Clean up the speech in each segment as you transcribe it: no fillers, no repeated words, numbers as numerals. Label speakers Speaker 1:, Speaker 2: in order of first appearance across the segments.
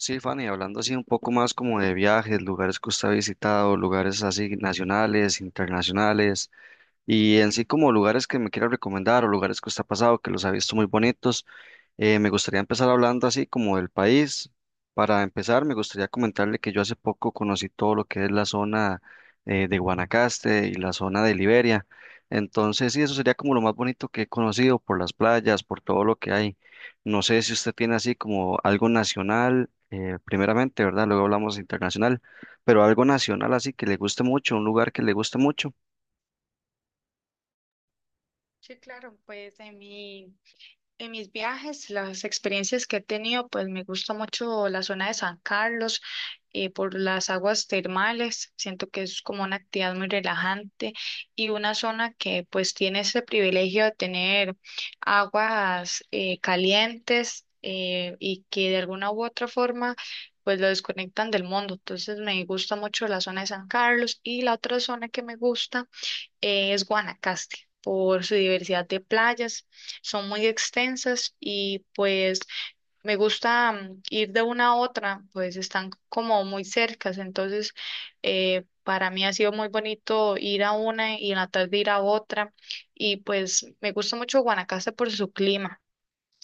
Speaker 1: Sí, Fanny, hablando así un poco más como de viajes, lugares que usted ha visitado, lugares así nacionales, internacionales, y en sí como lugares que me quiera recomendar o lugares que usted ha pasado que los ha visto muy bonitos. Me gustaría empezar hablando así como del país. Para empezar, me gustaría comentarle que yo hace poco conocí todo lo que es la zona de Guanacaste y la zona de Liberia. Entonces, sí, eso sería como lo más bonito que he conocido por las playas, por todo lo que hay. No sé si usted tiene así como algo nacional, primeramente, ¿verdad? Luego hablamos internacional, pero algo nacional así que le guste mucho, un lugar que le guste mucho.
Speaker 2: Sí, claro, pues en mis viajes, las experiencias que he tenido, pues me gusta mucho la zona de San Carlos por las aguas termales. Siento que es como una actividad muy relajante y una zona que pues tiene ese privilegio de tener aguas calientes y que de alguna u otra forma pues lo desconectan del mundo. Entonces me gusta mucho la zona de San Carlos y la otra zona que me gusta es Guanacaste por su diversidad de playas, son muy extensas y pues me gusta ir de una a otra, pues están como muy cercas. Entonces para mí ha sido muy bonito ir a una y en la tarde ir a otra, y pues me gusta mucho Guanacaste por su clima.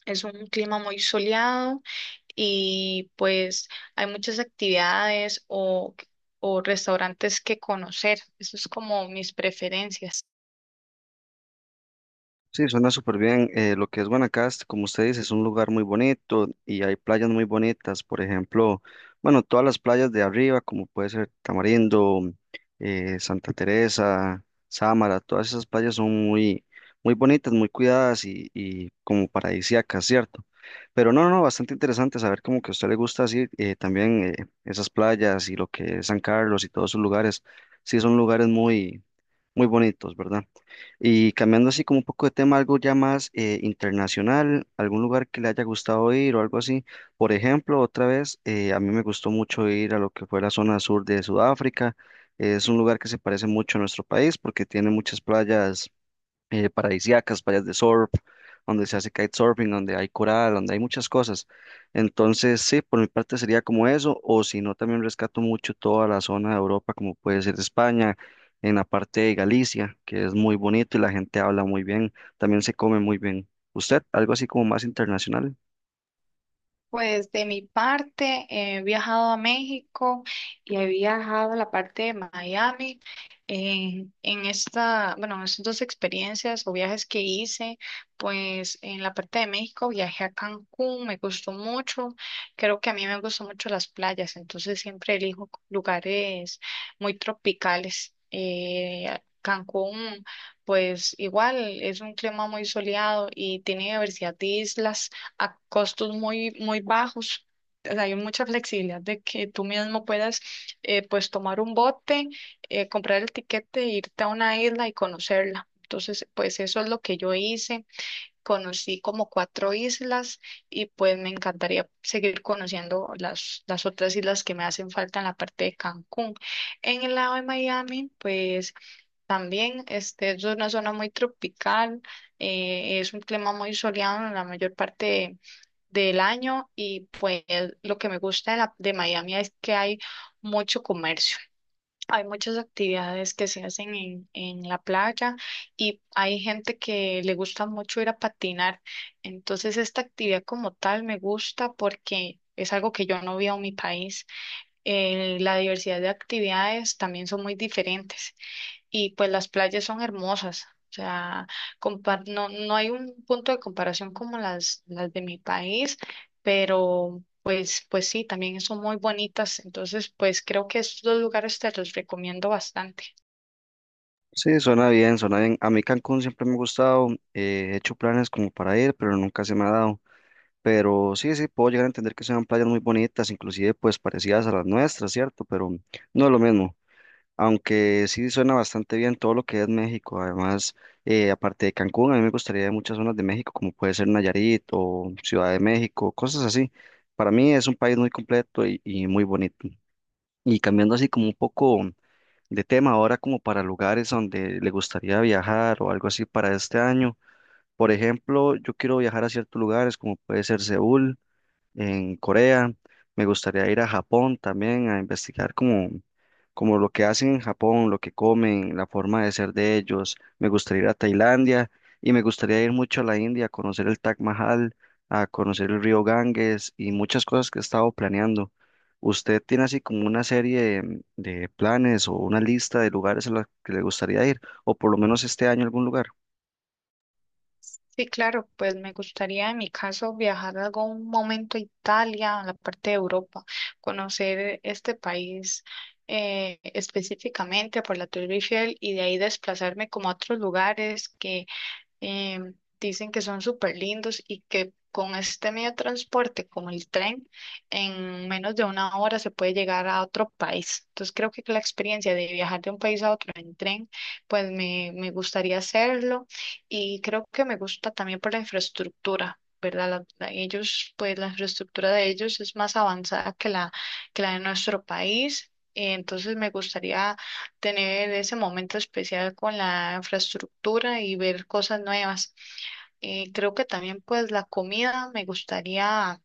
Speaker 2: Es un clima muy soleado y pues hay muchas actividades o restaurantes que conocer. Eso es como mis preferencias.
Speaker 1: Sí, suena súper bien. Lo que es Guanacaste, como usted dice, es un lugar muy bonito y hay playas muy bonitas. Por ejemplo, bueno, todas las playas de arriba, como puede ser Tamarindo, Santa Teresa, Sámara, todas esas playas son muy bonitas, muy cuidadas y como paradisíacas, ¿cierto? Pero no, no, no, bastante interesante saber como que a usted le gusta así también esas playas y lo que es San Carlos y todos sus lugares. Sí, son lugares muy bonitos, ¿verdad? Y cambiando así como un poco de tema, algo ya más internacional, algún lugar que le haya gustado ir o algo así. Por ejemplo, otra vez, a mí me gustó mucho ir a lo que fue la zona sur de Sudáfrica. Es un lugar que se parece mucho a nuestro país porque tiene muchas playas paradisíacas, playas de surf, donde se hace kitesurfing, donde hay coral, donde hay muchas cosas. Entonces, sí, por mi parte sería como eso, o si no, también rescato mucho toda la zona de Europa, como puede ser España, en la parte de Galicia, que es muy bonito y la gente habla muy bien, también se come muy bien. ¿Usted, algo así como más internacional?
Speaker 2: Pues de mi parte, he viajado a México y he viajado a la parte de Miami. En bueno, en estas dos experiencias o viajes que hice, pues en la parte de México viajé a Cancún, me gustó mucho. Creo que a mí me gustan mucho las playas, entonces siempre elijo lugares muy tropicales. Cancún, pues igual, es un clima muy soleado y tiene diversidad de islas a costos muy, muy bajos. O sea, hay mucha flexibilidad de que tú mismo puedas pues tomar un bote, comprar el tiquete, e irte a una isla y conocerla. Entonces, pues eso es lo que yo hice. Conocí como cuatro islas y pues me encantaría seguir conociendo las, otras islas que me hacen falta en la parte de Cancún. En el lado de Miami, pues también, este, es una zona muy tropical, es un clima muy soleado en la mayor parte del año, y pues lo que me gusta de Miami es que hay mucho comercio, hay muchas actividades que se hacen en la playa, y hay gente que le gusta mucho ir a patinar. Entonces, esta actividad como tal me gusta porque es algo que yo no veo en mi país. La diversidad de actividades también son muy diferentes, y pues las playas son hermosas. O sea, compar no, no hay un punto de comparación como las, de mi país, pero pues sí, también son muy bonitas. Entonces, pues creo que estos dos lugares te los recomiendo bastante.
Speaker 1: Sí, suena bien, suena bien. A mí Cancún siempre me ha gustado, he hecho planes como para ir, pero nunca se me ha dado. Pero sí, sí, puedo llegar a entender que sean playas muy bonitas, inclusive pues parecidas a las nuestras, ¿cierto? Pero no es lo mismo, aunque sí suena bastante bien todo lo que es México. Además, aparte de Cancún, a mí me gustaría ir a muchas zonas de México, como puede ser Nayarit o Ciudad de México, cosas así. Para mí es un país muy completo y muy bonito. Y cambiando así como un poco de tema, ahora como para lugares donde le gustaría viajar o algo así para este año. Por ejemplo, yo quiero viajar a ciertos lugares como puede ser Seúl en Corea. Me gustaría ir a Japón también a investigar como lo que hacen en Japón, lo que comen, la forma de ser de ellos. Me gustaría ir a Tailandia y me gustaría ir mucho a la India a conocer el Taj Mahal, a conocer el río Ganges y muchas cosas que he estado planeando. ¿Usted tiene así como una serie de planes o una lista de lugares a los que le gustaría ir o por lo menos este año algún lugar?
Speaker 2: Sí, claro, pues me gustaría en mi caso viajar algún momento a Italia, a la parte de Europa, conocer este país, específicamente por la Torre Eiffel, y de ahí desplazarme como a otros lugares que em, dicen que son súper lindos y que con este medio de transporte, como el tren, en menos de una hora se puede llegar a otro país. Entonces creo que la experiencia de viajar de un país a otro en tren, pues me gustaría hacerlo, y creo que me gusta también por la infraestructura, ¿verdad? Ellos, pues la infraestructura de ellos es más avanzada que la, de nuestro país. Entonces me gustaría tener ese momento especial con la infraestructura y ver cosas nuevas. Creo que también pues la comida me gustaría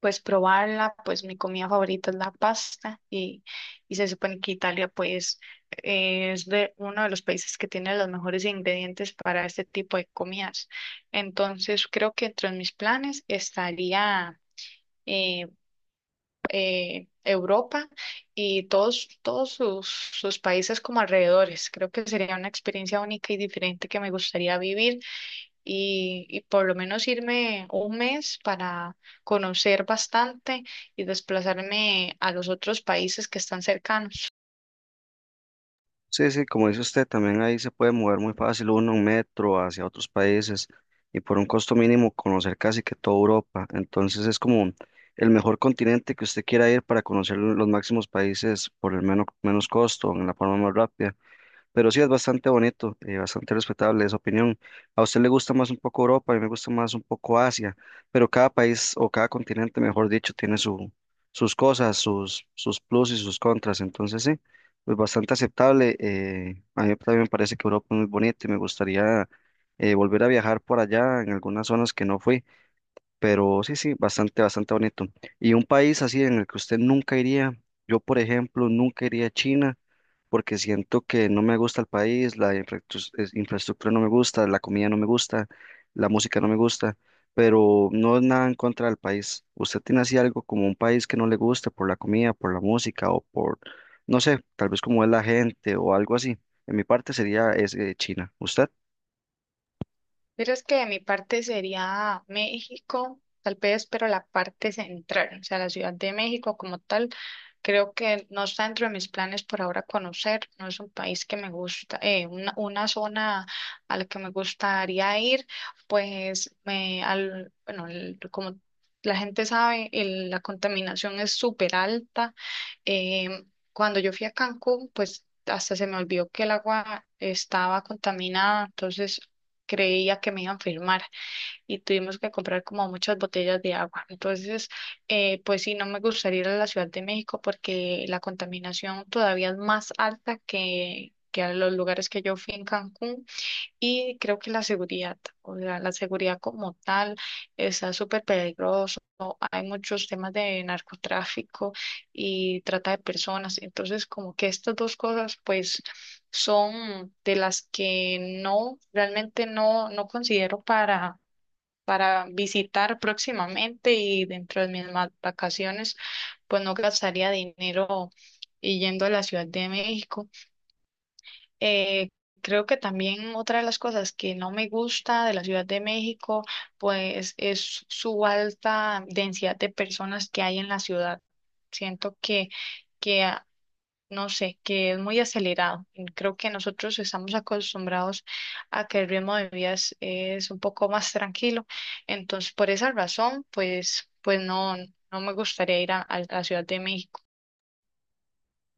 Speaker 2: pues probarla, pues mi comida favorita es la pasta, y se supone que Italia pues es de uno de los países que tiene los mejores ingredientes para este tipo de comidas. Entonces creo que entre mis planes estaría... eh, Europa y todos sus países como alrededores. Creo que sería una experiencia única y diferente que me gustaría vivir, y por lo menos irme un mes para conocer bastante y desplazarme a los otros países que están cercanos.
Speaker 1: Sí, sí, como dice usted, también ahí se puede mover muy fácil uno en metro hacia otros países y por un costo mínimo conocer casi que toda Europa. Entonces es como el mejor continente que usted quiera ir para conocer los máximos países por el menos costo, en la forma más rápida. Pero sí es bastante bonito, bastante respetable esa opinión. A usted le gusta más un poco Europa, a mí me gusta más un poco Asia, pero cada país o cada continente, mejor dicho, tiene sus cosas, sus plus y sus contras. Entonces sí, pues bastante aceptable. A mí también me parece que Europa es muy bonita y me gustaría volver a viajar por allá en algunas zonas que no fui. Pero sí, sí, bastante, bastante bonito. Y un país así en el que usted nunca iría, yo por ejemplo nunca iría a China porque siento que no me gusta el país, infraestructura no me gusta, la comida no me gusta, la música no me gusta, pero no es nada en contra del país. ¿Usted tiene así algo como un país que no le guste por la comida, por la música o por, no sé, tal vez como es la gente o algo así? En mi parte sería China. ¿Usted?
Speaker 2: Verás que de mi parte sería México, tal vez, pero la parte central, o sea, la Ciudad de México como tal, creo que no está dentro de mis planes por ahora conocer. No es un país que me gusta, una, zona a la que me gustaría ir, pues, bueno, como la gente sabe, la contaminación es súper alta. Cuando yo fui a Cancún, pues hasta se me olvidó que el agua estaba contaminada, entonces creía que me iban a firmar y tuvimos que comprar como muchas botellas de agua. Entonces, pues sí, no me gustaría ir a la Ciudad de México porque la contaminación todavía es más alta que, a los lugares que yo fui en Cancún. Y creo que la seguridad, o sea, la seguridad como tal, está súper peligroso. Hay muchos temas de narcotráfico y trata de personas. Entonces, como que estas dos cosas, pues, son de las que no, realmente no considero para visitar próximamente, y dentro de mis vacaciones, pues no gastaría dinero y yendo a la Ciudad de México. Eh, Creo que también otra de las cosas que no me gusta de la Ciudad de México pues es su alta densidad de personas que hay en la ciudad. Siento que, que ah, no sé, que es muy acelerado. Y creo que nosotros estamos acostumbrados a que el ritmo de vida es un poco más tranquilo. Entonces, por esa razón, pues, no me gustaría ir a la Ciudad de México.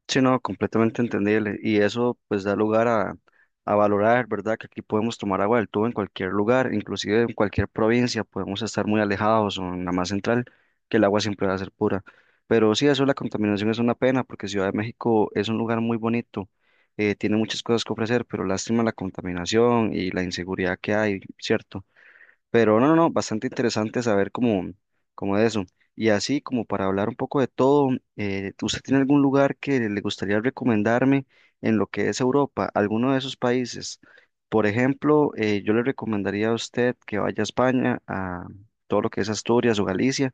Speaker 1: Sí, no, completamente entendible. Y eso pues da lugar a valorar, ¿verdad? Que aquí podemos tomar agua del tubo en cualquier lugar, inclusive en cualquier provincia, podemos estar muy alejados o en la más central, que el agua siempre va a ser pura. Pero sí, eso de la contaminación es una pena, porque Ciudad de México es un lugar muy bonito, tiene muchas cosas que ofrecer, pero lástima la contaminación y la inseguridad que hay, ¿cierto? Pero no, no, no, bastante interesante saber cómo, cómo es eso. Y así como para hablar un poco de todo, ¿usted tiene algún lugar que le gustaría recomendarme en lo que es Europa, alguno de esos países? Por ejemplo, yo le recomendaría a usted que vaya a España, a todo lo que es Asturias o Galicia,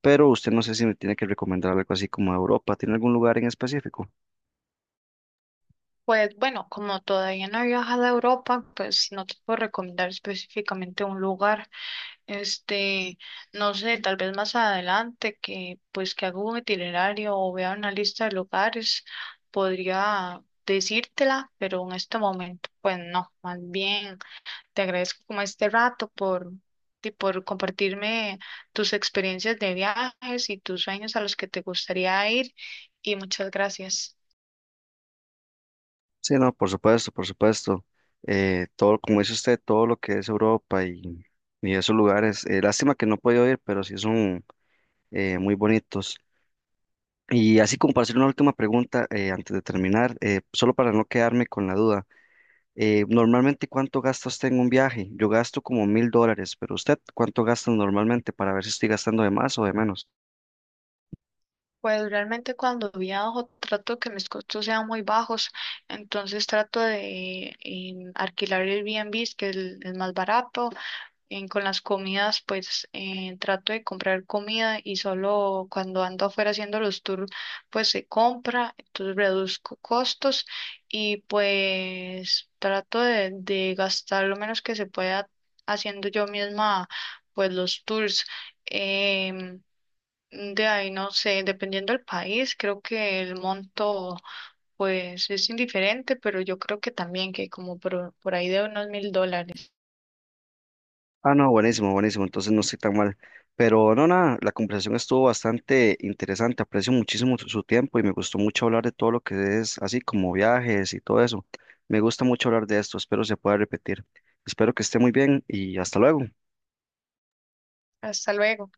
Speaker 1: pero usted no sé si me tiene que recomendar algo así como Europa. ¿Tiene algún lugar en específico?
Speaker 2: Pues bueno, como todavía no he viajado a Europa, pues no te puedo recomendar específicamente un lugar. Este, no sé, tal vez más adelante, que pues que haga un itinerario o vea una lista de lugares, podría decírtela, pero en este momento, pues no, más bien te agradezco como este rato y por compartirme tus experiencias de viajes y tus sueños a los que te gustaría ir. Y muchas gracias.
Speaker 1: Sí, no, por supuesto, por supuesto. Todo, como dice usted, todo lo que es Europa y esos lugares, lástima que no he podido ir, pero sí son muy bonitos. Y así como para hacer una última pregunta antes de terminar, solo para no quedarme con la duda, normalmente ¿cuánto gasta usted en un viaje? Yo gasto como $1000, pero usted ¿cuánto gasta normalmente para ver si estoy gastando de más o de menos?
Speaker 2: Pues realmente, cuando viajo, trato que mis costos sean muy bajos, entonces trato de alquilar el Airbnb, que es el más barato. Con las comidas, pues trato de comprar comida, y solo cuando ando afuera haciendo los tours, pues se compra. Entonces reduzco costos y pues trato de gastar lo menos que se pueda, haciendo yo misma pues los tours. Em, de ahí, no sé, dependiendo del país, creo que el monto pues es indiferente, pero yo creo que también que como por, ahí de unos $1000.
Speaker 1: Ah, no, buenísimo, buenísimo. Entonces no estoy tan mal. Pero no, nada, la conversación estuvo bastante interesante. Aprecio muchísimo su tiempo y me gustó mucho hablar de todo lo que es así como viajes y todo eso. Me gusta mucho hablar de esto. Espero se pueda repetir. Espero que esté muy bien y hasta luego.
Speaker 2: Hasta luego.